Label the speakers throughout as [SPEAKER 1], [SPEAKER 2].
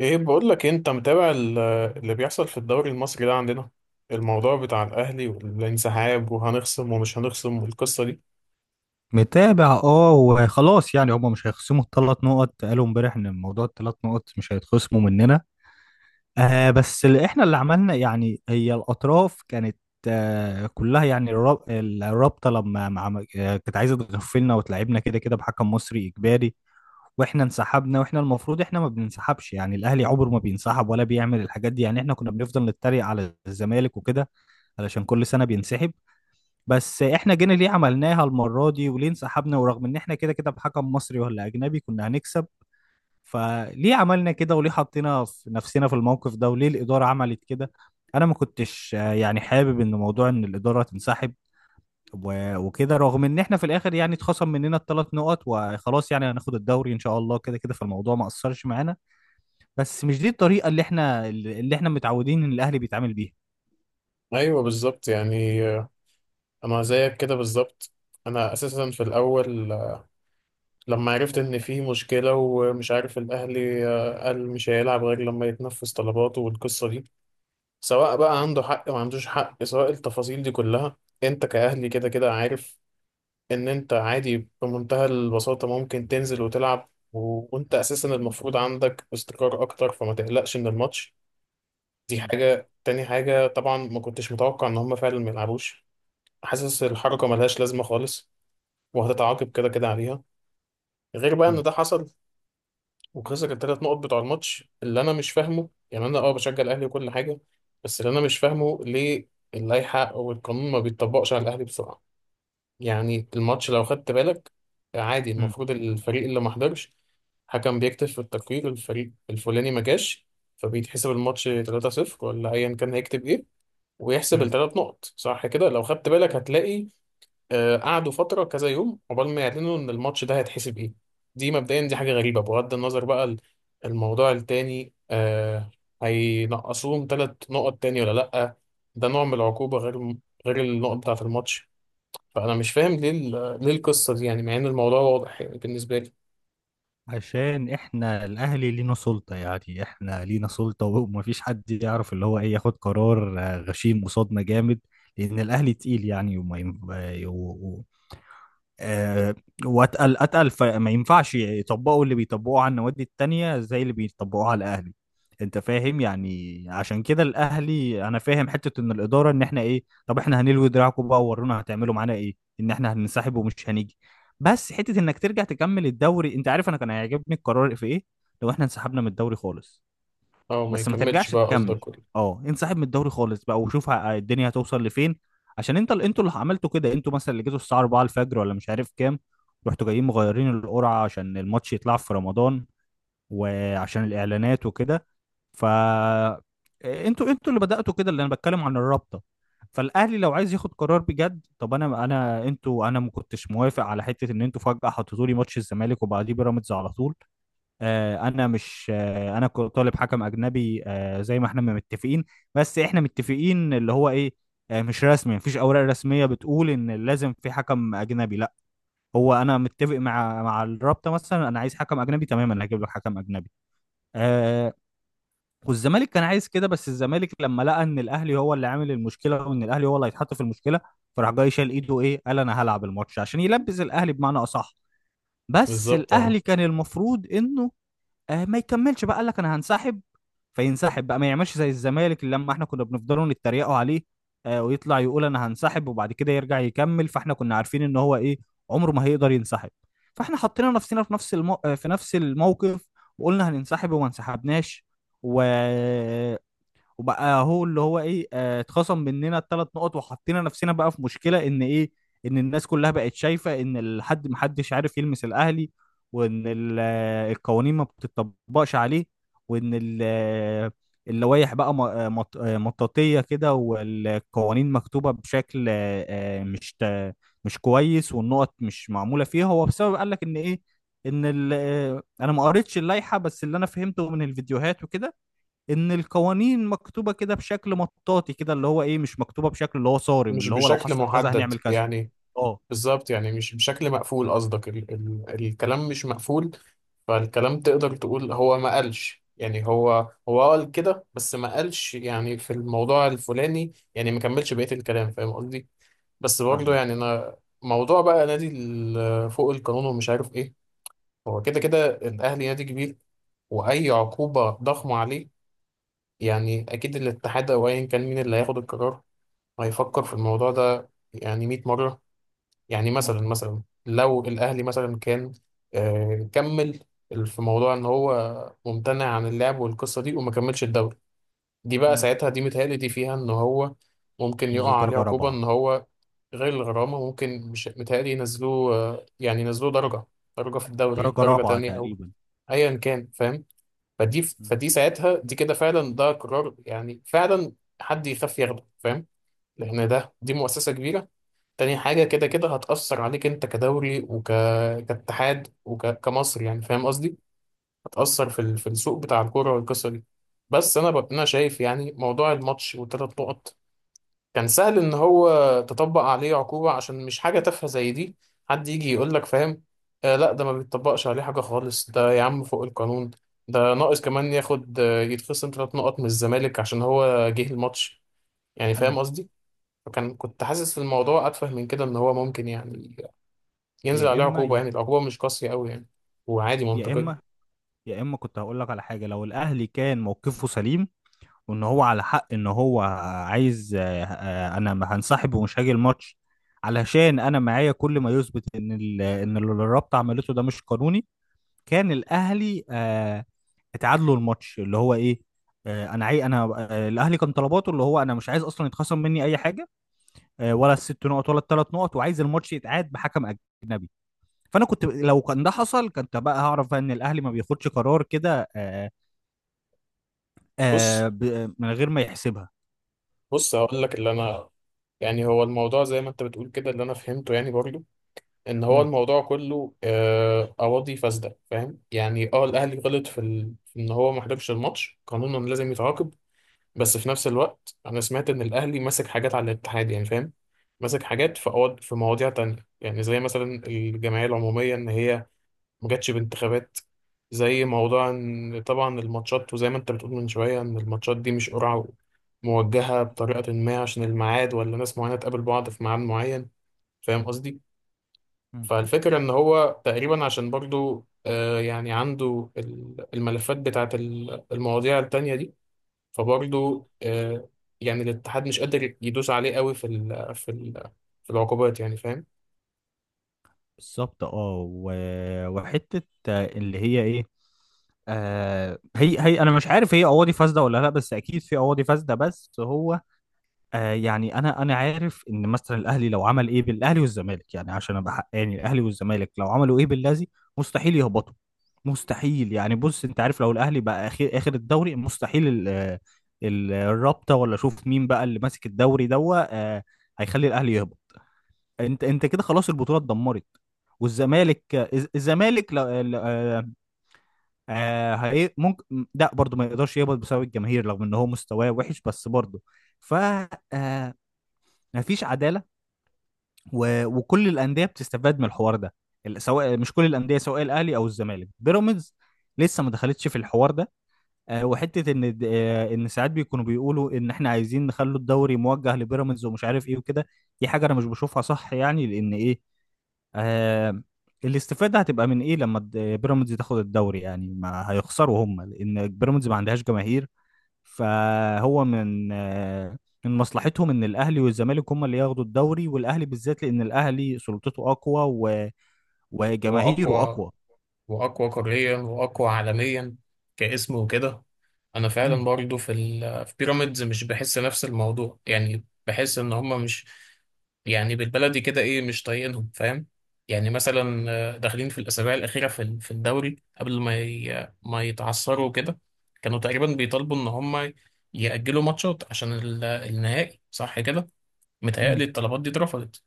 [SPEAKER 1] ايه بقول لك إيه، انت متابع اللي بيحصل في الدوري المصري ده عندنا. الموضوع بتاع الاهلي والانسحاب وهنخصم ومش هنخصم والقصه دي.
[SPEAKER 2] متابع وخلاص يعني هما مش هيخصموا الثلاث نقط. قالوا امبارح ان موضوع الثلاث نقط مش هيتخصموا مننا. بس اللي عملنا يعني هي الاطراف كانت. كلها يعني الرابطه لما كانت عايزه تغفلنا وتلعبنا كده كده بحكم مصري اجباري. واحنا انسحبنا، واحنا المفروض احنا ما بننسحبش يعني. الاهلي عمره ما بينسحب ولا بيعمل الحاجات دي يعني. احنا كنا بنفضل نتريق على الزمالك وكده علشان كل سنه بينسحب. بس احنا جينا ليه عملناها المرة دي؟ وليه انسحبنا ورغم ان احنا كده كده بحكم مصري ولا اجنبي كنا هنكسب؟ فليه عملنا كده؟ وليه حطينا في نفسنا في الموقف ده؟ وليه الإدارة عملت كده؟ انا ما كنتش يعني حابب ان موضوع ان الإدارة تنسحب وكده، رغم ان احنا في الاخر يعني اتخصم مننا الثلاث نقط وخلاص. يعني هناخد الدوري ان شاء الله كده كده، فالموضوع ما اثرش معانا. بس مش دي الطريقة اللي احنا متعودين ان الاهلي بيتعامل بيها.
[SPEAKER 1] ايوه بالظبط يعني، انا زيك كده بالظبط. انا اساسا في الاول، لما عرفت ان في مشكله ومش عارف الاهلي، قال مش هيلعب غير لما يتنفذ طلباته والقصه دي، سواء بقى عنده حق ما عندوش حق، سواء التفاصيل دي كلها، انت كاهلي كده كده عارف ان انت عادي بمنتهى البساطة ممكن تنزل وتلعب، وانت اساسا المفروض عندك استقرار اكتر، فما تقلقش من الماتش. دي
[SPEAKER 2] مم.
[SPEAKER 1] حاجة. تاني حاجة، طبعا ما كنتش متوقع ان هم فعلا ما يلعبوش. حاسس
[SPEAKER 2] مم.
[SPEAKER 1] الحركة ملهاش لازمة خالص، وهتتعاقب كده كده عليها، غير بقى ان ده حصل وخسر الثلاث نقط بتوع الماتش. اللي انا مش فاهمه يعني، انا اه بشجع الاهلي وكل حاجة، بس اللي انا مش فاهمه ليه اللائحة او القانون ما بيتطبقش على الاهلي بسرعة. يعني الماتش لو خدت بالك، عادي
[SPEAKER 2] مم.
[SPEAKER 1] المفروض الفريق اللي ما حضرش، حكم بيكتب في التقرير الفريق الفلاني ما جاش، فبيتحسب الماتش 3-0 ولا ايا كان هيكتب ايه، ويحسب
[SPEAKER 2] مم.
[SPEAKER 1] الثلاث نقط، صح كده. لو خدت بالك هتلاقي، قعدوا فترة كذا يوم عقبال ما يعلنوا ان الماتش ده هيتحسب ايه. دي مبدئيا دي حاجة غريبة. بغض النظر بقى الموضوع التاني، هينقصوهم ثلاث نقط تاني ولا لأ؟ ده نوع من العقوبة، غير النقط بتاعة الماتش. فانا مش فاهم ليه، ليه القصه دي يعني، مع ان الموضوع واضح يعني بالنسبه لي.
[SPEAKER 2] عشان احنا الاهلي لينا سلطة يعني. احنا لينا سلطة ومفيش حد يعرف اللي هو ايه ياخد قرار غشيم قصادنا جامد، لان الاهلي تقيل يعني. وما ين... آه، و... و... آه، واتقل اتقل، فما ينفعش يطبقوا اللي بيطبقوه على النوادي التانية زي اللي بيطبقوه على الاهلي. انت فاهم يعني؟ عشان كده الاهلي انا فاهم حتة ان الادارة ان احنا ايه، طب احنا هنلوي دراعكم بقى وورونا هتعملوا معانا ايه، ان احنا هننسحب ومش هنيجي. بس حته انك ترجع تكمل الدوري، انت عارف انا كان هيعجبني القرار في ايه؟ لو احنا انسحبنا من الدوري خالص.
[SPEAKER 1] اه، ما
[SPEAKER 2] بس ما
[SPEAKER 1] يكملش
[SPEAKER 2] ترجعش
[SPEAKER 1] بقى
[SPEAKER 2] تكمل.
[SPEAKER 1] قصدك، ودي
[SPEAKER 2] اه، انسحب من الدوري خالص بقى، وشوف الدنيا هتوصل لفين. عشان انت اللي انتوا اللي عملتوا كده. انتوا مثلا اللي جيتوا الساعه 4 الفجر ولا مش عارف كام، رحتوا جايين مغيرين القرعه عشان الماتش يطلع في رمضان وعشان الاعلانات وكده. ف آه، انتوا انتوا اللي بدأتوا كده، اللي انا بتكلم عن الرابطة. فالاهلي لو عايز ياخد قرار بجد، طب انا انا انتوا انا ما كنتش موافق على حته ان انتوا فجاه حطيتوا لي ماتش الزمالك وبعديه بيراميدز على طول. انا مش انا كنت طالب حكم اجنبي، زي ما احنا ما متفقين. بس احنا متفقين اللي هو ايه، مش رسمي. مفيش اوراق رسميه بتقول ان لازم في حكم اجنبي، لا. هو انا متفق مع مع الرابطه، مثلا انا عايز حكم اجنبي تماما، هجيب لك حكم اجنبي. آه والزمالك كان عايز كده. بس الزمالك لما لقى ان الاهلي هو اللي عامل المشكله وان الاهلي هو اللي هيتحط في المشكله، فراح جاي شال ايده، ايه، قال انا هلعب الماتش عشان يلبس الاهلي بمعنى اصح. بس
[SPEAKER 1] بالظبط. اه،
[SPEAKER 2] الاهلي كان المفروض انه ما يكملش بقى. قال لك انا هنسحب، فينسحب بقى، ما يعملش زي الزمالك اللي لما احنا كنا بنفضلوا نتريقوا عليه. ويطلع يقول انا هنسحب وبعد كده يرجع يكمل. فاحنا كنا عارفين ان هو ايه، عمره ما هيقدر ينسحب. فاحنا حطينا نفسنا في نفس المو... آه، في نفس الموقف، وقلنا هننسحب وما انسحبناش. و وبقى هو اللي هو ايه، اتخصم مننا الثلاث نقط، وحطينا نفسنا بقى في مشكلة ان ايه، ان الناس كلها بقت شايفة ان الحد محدش عارف يلمس الاهلي، وان القوانين ما بتطبقش عليه، وان اللوائح بقى مطاطية كده، والقوانين مكتوبة بشكل مش كويس، والنقط مش معمولة فيها. هو بسبب قال لك ان ايه، ان انا ما قريتش اللائحة، بس اللي انا فهمته من الفيديوهات وكده ان القوانين مكتوبه كده بشكل مطاطي كده، اللي هو ايه مش مكتوبه بشكل اللي هو صارم،
[SPEAKER 1] مش
[SPEAKER 2] اللي هو لو
[SPEAKER 1] بشكل
[SPEAKER 2] حصل كذا
[SPEAKER 1] محدد
[SPEAKER 2] هنعمل كذا.
[SPEAKER 1] يعني.
[SPEAKER 2] اه.
[SPEAKER 1] بالظبط يعني، مش بشكل مقفول قصدك، ال ال الكلام مش مقفول، فالكلام تقدر تقول هو ما قالش يعني، هو قال كده بس ما قالش يعني في الموضوع الفلاني، يعني ما كملش بقية الكلام، فاهم قصدي. بس برضه
[SPEAKER 2] فاهمك،
[SPEAKER 1] يعني
[SPEAKER 2] اه.
[SPEAKER 1] انا، موضوع بقى نادي فوق القانون ومش عارف ايه، هو كده كده الاهلي نادي كبير، واي عقوبه ضخمه عليه، يعني اكيد الاتحاد او ايا كان مين اللي هياخد القرار هيفكر في الموضوع ده يعني 100 مره. يعني
[SPEAKER 2] امم.
[SPEAKER 1] مثلا، لو الاهلي مثلا كان، كمل، في موضوع ان هو ممتنع عن اللعب والقصه دي وما كملش الدوري، دي بقى
[SPEAKER 2] امم.
[SPEAKER 1] ساعتها دي متهيألي دي فيها ان هو ممكن
[SPEAKER 2] تنزل
[SPEAKER 1] يقع عليه
[SPEAKER 2] درجه
[SPEAKER 1] عقوبه،
[SPEAKER 2] رابعه.
[SPEAKER 1] ان هو غير الغرامه، ممكن، مش متهيألي، ينزلوه يعني ينزلوه درجه، درجه في الدوري،
[SPEAKER 2] درجه
[SPEAKER 1] درجه
[SPEAKER 2] رابعه
[SPEAKER 1] تانية او
[SPEAKER 2] تقريبا.
[SPEAKER 1] ايا كان، فاهم.
[SPEAKER 2] امم.
[SPEAKER 1] فدي ساعتها دي، كده فعلا ده قرار يعني فعلا حد يخاف ياخده، فاهم، لان دي مؤسسه كبيره. تاني حاجه، كده كده هتاثر عليك انت كدوري، كاتحاد وكمصر يعني، فاهم قصدي. هتاثر في في السوق بتاع الكوره والقصه دي. بس انا انا شايف يعني، موضوع الماتش والثلاث نقط كان سهل ان هو تطبق عليه عقوبة، عشان مش حاجة تافهة زي دي حد يجي يقول لك، فاهم، لا ده ما بيتطبقش عليه حاجة خالص، ده يا عم فوق القانون. ده ناقص كمان ياخد، يتخصم ثلاث نقط من الزمالك عشان هو جه الماتش، يعني
[SPEAKER 2] امم.
[SPEAKER 1] فاهم قصدي. كنت حاسس الموضوع اتفه من كده، ان هو ممكن يعني ينزل
[SPEAKER 2] يا
[SPEAKER 1] عليه
[SPEAKER 2] اما
[SPEAKER 1] عقوبة،
[SPEAKER 2] يا.
[SPEAKER 1] يعني العقوبة مش قاسية قوي يعني، وعادي،
[SPEAKER 2] يا اما
[SPEAKER 1] منطقية.
[SPEAKER 2] يا اما كنت هقول لك على حاجه، لو الاهلي كان موقفه سليم، وان هو على حق، ان هو عايز انا ما هنسحب ومش هاجي الماتش علشان انا معايا كل ما يثبت ان ان اللي الرابطه عملته ده مش قانوني. كان الاهلي اتعادلوا الماتش اللي هو ايه، آه، انا عاي انا آه، الاهلي كان طلباته اللي هو انا مش عايز اصلا يتخصم مني اي حاجه، ولا الست نقط ولا الثلاث نقط، وعايز الماتش يتعاد بحكم اجنبي. فانا كنت لو كان ده حصل كنت بقى هعرف بقى ان الاهلي ما بياخدش قرار كده،
[SPEAKER 1] بص،
[SPEAKER 2] من غير ما يحسبها.
[SPEAKER 1] بص هقول لك اللي انا، يعني هو الموضوع زي ما انت بتقول كده، اللي انا فهمته يعني برضو ان هو
[SPEAKER 2] مم.
[SPEAKER 1] الموضوع كله، اراضي فاسده، فاهم يعني. اه الاهلي غلط في، في ان هو ما حضرش الماتش، قانونا لازم يتعاقب، بس في نفس الوقت انا سمعت ان الاهلي ماسك حاجات على الاتحاد يعني، فاهم، ماسك حاجات في، في مواضيع تانية يعني، زي مثلا الجمعيه العموميه ان هي ما جاتش بانتخابات، زي موضوع ان طبعا الماتشات، وزي ما انت بتقول من شويه ان الماتشات دي مش قرعه، موجهه بطريقه ما عشان الميعاد ولا ناس معينه تقابل بعض في ميعاد معين، فاهم قصدي.
[SPEAKER 2] مم.
[SPEAKER 1] فالفكرة إن هو تقريبا عشان برضو، يعني عنده الملفات بتاعت المواضيع التانية دي، فبرضو، يعني الاتحاد مش قادر يدوس عليه قوي في العقوبات يعني، فاهم.
[SPEAKER 2] بالظبط، اه. وحته اللي هي ايه، هي انا مش عارف هي قواضي فاسده ولا لا، بس اكيد في قواضي فاسده. بس هو يعني انا عارف ان مثلا الاهلي لو عمل ايه بالاهلي والزمالك، يعني عشان ابقى حقاني، الاهلي والزمالك لو عملوا ايه باللازي، مستحيل يهبطوا. مستحيل يعني. بص انت عارف، لو الاهلي بقى اخر اخر الدوري، مستحيل الرابطه ولا شوف مين بقى اللي ماسك الدوري دوا، هيخلي الاهلي يهبط. انت انت كده خلاص البطوله اتدمرت. والزمالك الزمالك آه، ممكن لا برضه ما يقدرش يهبط بسبب الجماهير رغم ان هو مستواه وحش، بس برضه. ف آه، مفيش عداله. وكل الانديه بتستفاد من الحوار ده. سواء مش كل الانديه، سواء الاهلي او الزمالك. بيراميدز لسه ما دخلتش في الحوار ده. وحته ان ان ساعات بيكونوا بيقولوا ان احنا عايزين نخلوا الدوري موجه لبيراميدز ومش عارف ايه وكده. دي حاجه انا مش بشوفها صح يعني، لان ايه، آه الاستفاده هتبقى من ايه لما بيراميدز تاخد الدوري؟ يعني ما هيخسروا هم، لان بيراميدز ما عندهاش جماهير. فهو من مصلحتهم ان الاهلي والزمالك هم اللي ياخدوا الدوري، والاهلي بالذات، لان الاهلي سلطته اقوى
[SPEAKER 1] هو
[SPEAKER 2] وجماهيره
[SPEAKER 1] أقوى،
[SPEAKER 2] اقوى.
[SPEAKER 1] واقوى قاريا، واقوى عالميا كاسم وكده. انا فعلا
[SPEAKER 2] امم.
[SPEAKER 1] برضو في بيراميدز مش بحس نفس الموضوع، يعني بحس ان هم مش، يعني بالبلدي كده ايه، مش طايقينهم، فاهم. يعني مثلا، داخلين في الاسابيع الاخيره في، في الدوري، قبل ما ما يتعثروا كده، كانوا تقريبا بيطالبوا ان هم يأجلوا ماتشات عشان النهائي، صح كده.
[SPEAKER 2] امم.
[SPEAKER 1] متهيألي الطلبات دي اترفضت،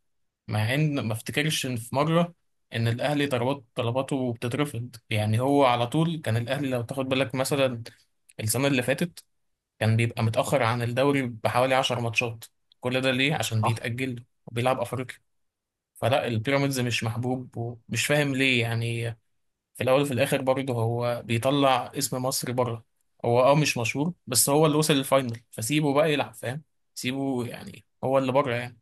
[SPEAKER 1] مع ان ما افتكرش ان في مره ان الاهلي طلباته بتترفض يعني. هو على طول كان الاهلي لو تاخد بالك مثلا السنه اللي فاتت، كان بيبقى متاخر عن الدوري بحوالي 10 ماتشات. كل ده ليه؟ عشان
[SPEAKER 2] صح.
[SPEAKER 1] بيتاجل وبيلعب افريقيا. فلا، البيراميدز مش محبوب ومش فاهم ليه يعني، في الاول وفي الاخر برضه هو بيطلع اسم مصر بره. هو اه مش مشهور، بس هو اللي وصل للفاينل، فسيبه بقى يلعب، فاهم، سيبه يعني، هو اللي بره يعني.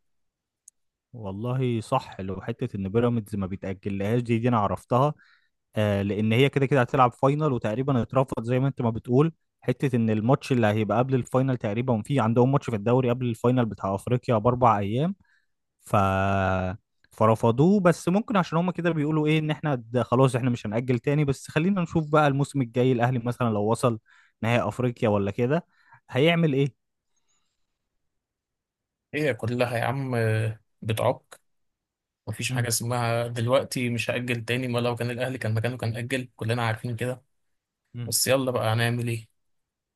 [SPEAKER 2] والله صح، لو حته ان بيراميدز ما بيتاجلهاش، دي انا عرفتها. لان هي كده كده هتلعب فاينل، وتقريبا اترفض زي ما انت ما بتقول. حته ان الماتش اللي هيبقى قبل الفاينل، تقريبا في عندهم ماتش في الدوري قبل الفاينل بتاع افريقيا باربع ايام، ف فرفضوه. بس ممكن عشان هما كده بيقولوا ايه، ان احنا ده خلاص احنا مش هنأجل تاني. بس خلينا نشوف بقى الموسم الجاي الاهلي مثلا لو وصل نهائي افريقيا ولا كده، هيعمل ايه.
[SPEAKER 1] هي كلها يا عم بتعك، مفيش حاجة
[SPEAKER 2] امم.
[SPEAKER 1] اسمها دلوقتي مش هأجل تاني، ما لو كان الأهلي كان مكانه كان أجل، كلنا عارفين كده.
[SPEAKER 2] امم.
[SPEAKER 1] بس يلا بقى هنعمل إيه.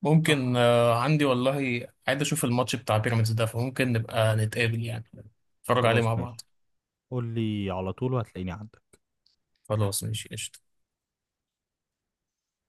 [SPEAKER 1] ممكن،
[SPEAKER 2] صح.
[SPEAKER 1] عندي والله، عايز أشوف الماتش بتاع بيراميدز ده، فممكن نبقى نتقابل يعني، نتفرج عليه
[SPEAKER 2] خلاص،
[SPEAKER 1] مع بعض.
[SPEAKER 2] ماشي. قول لي على طول وهتلاقيني عندك.
[SPEAKER 1] خلاص ماشي قشطة.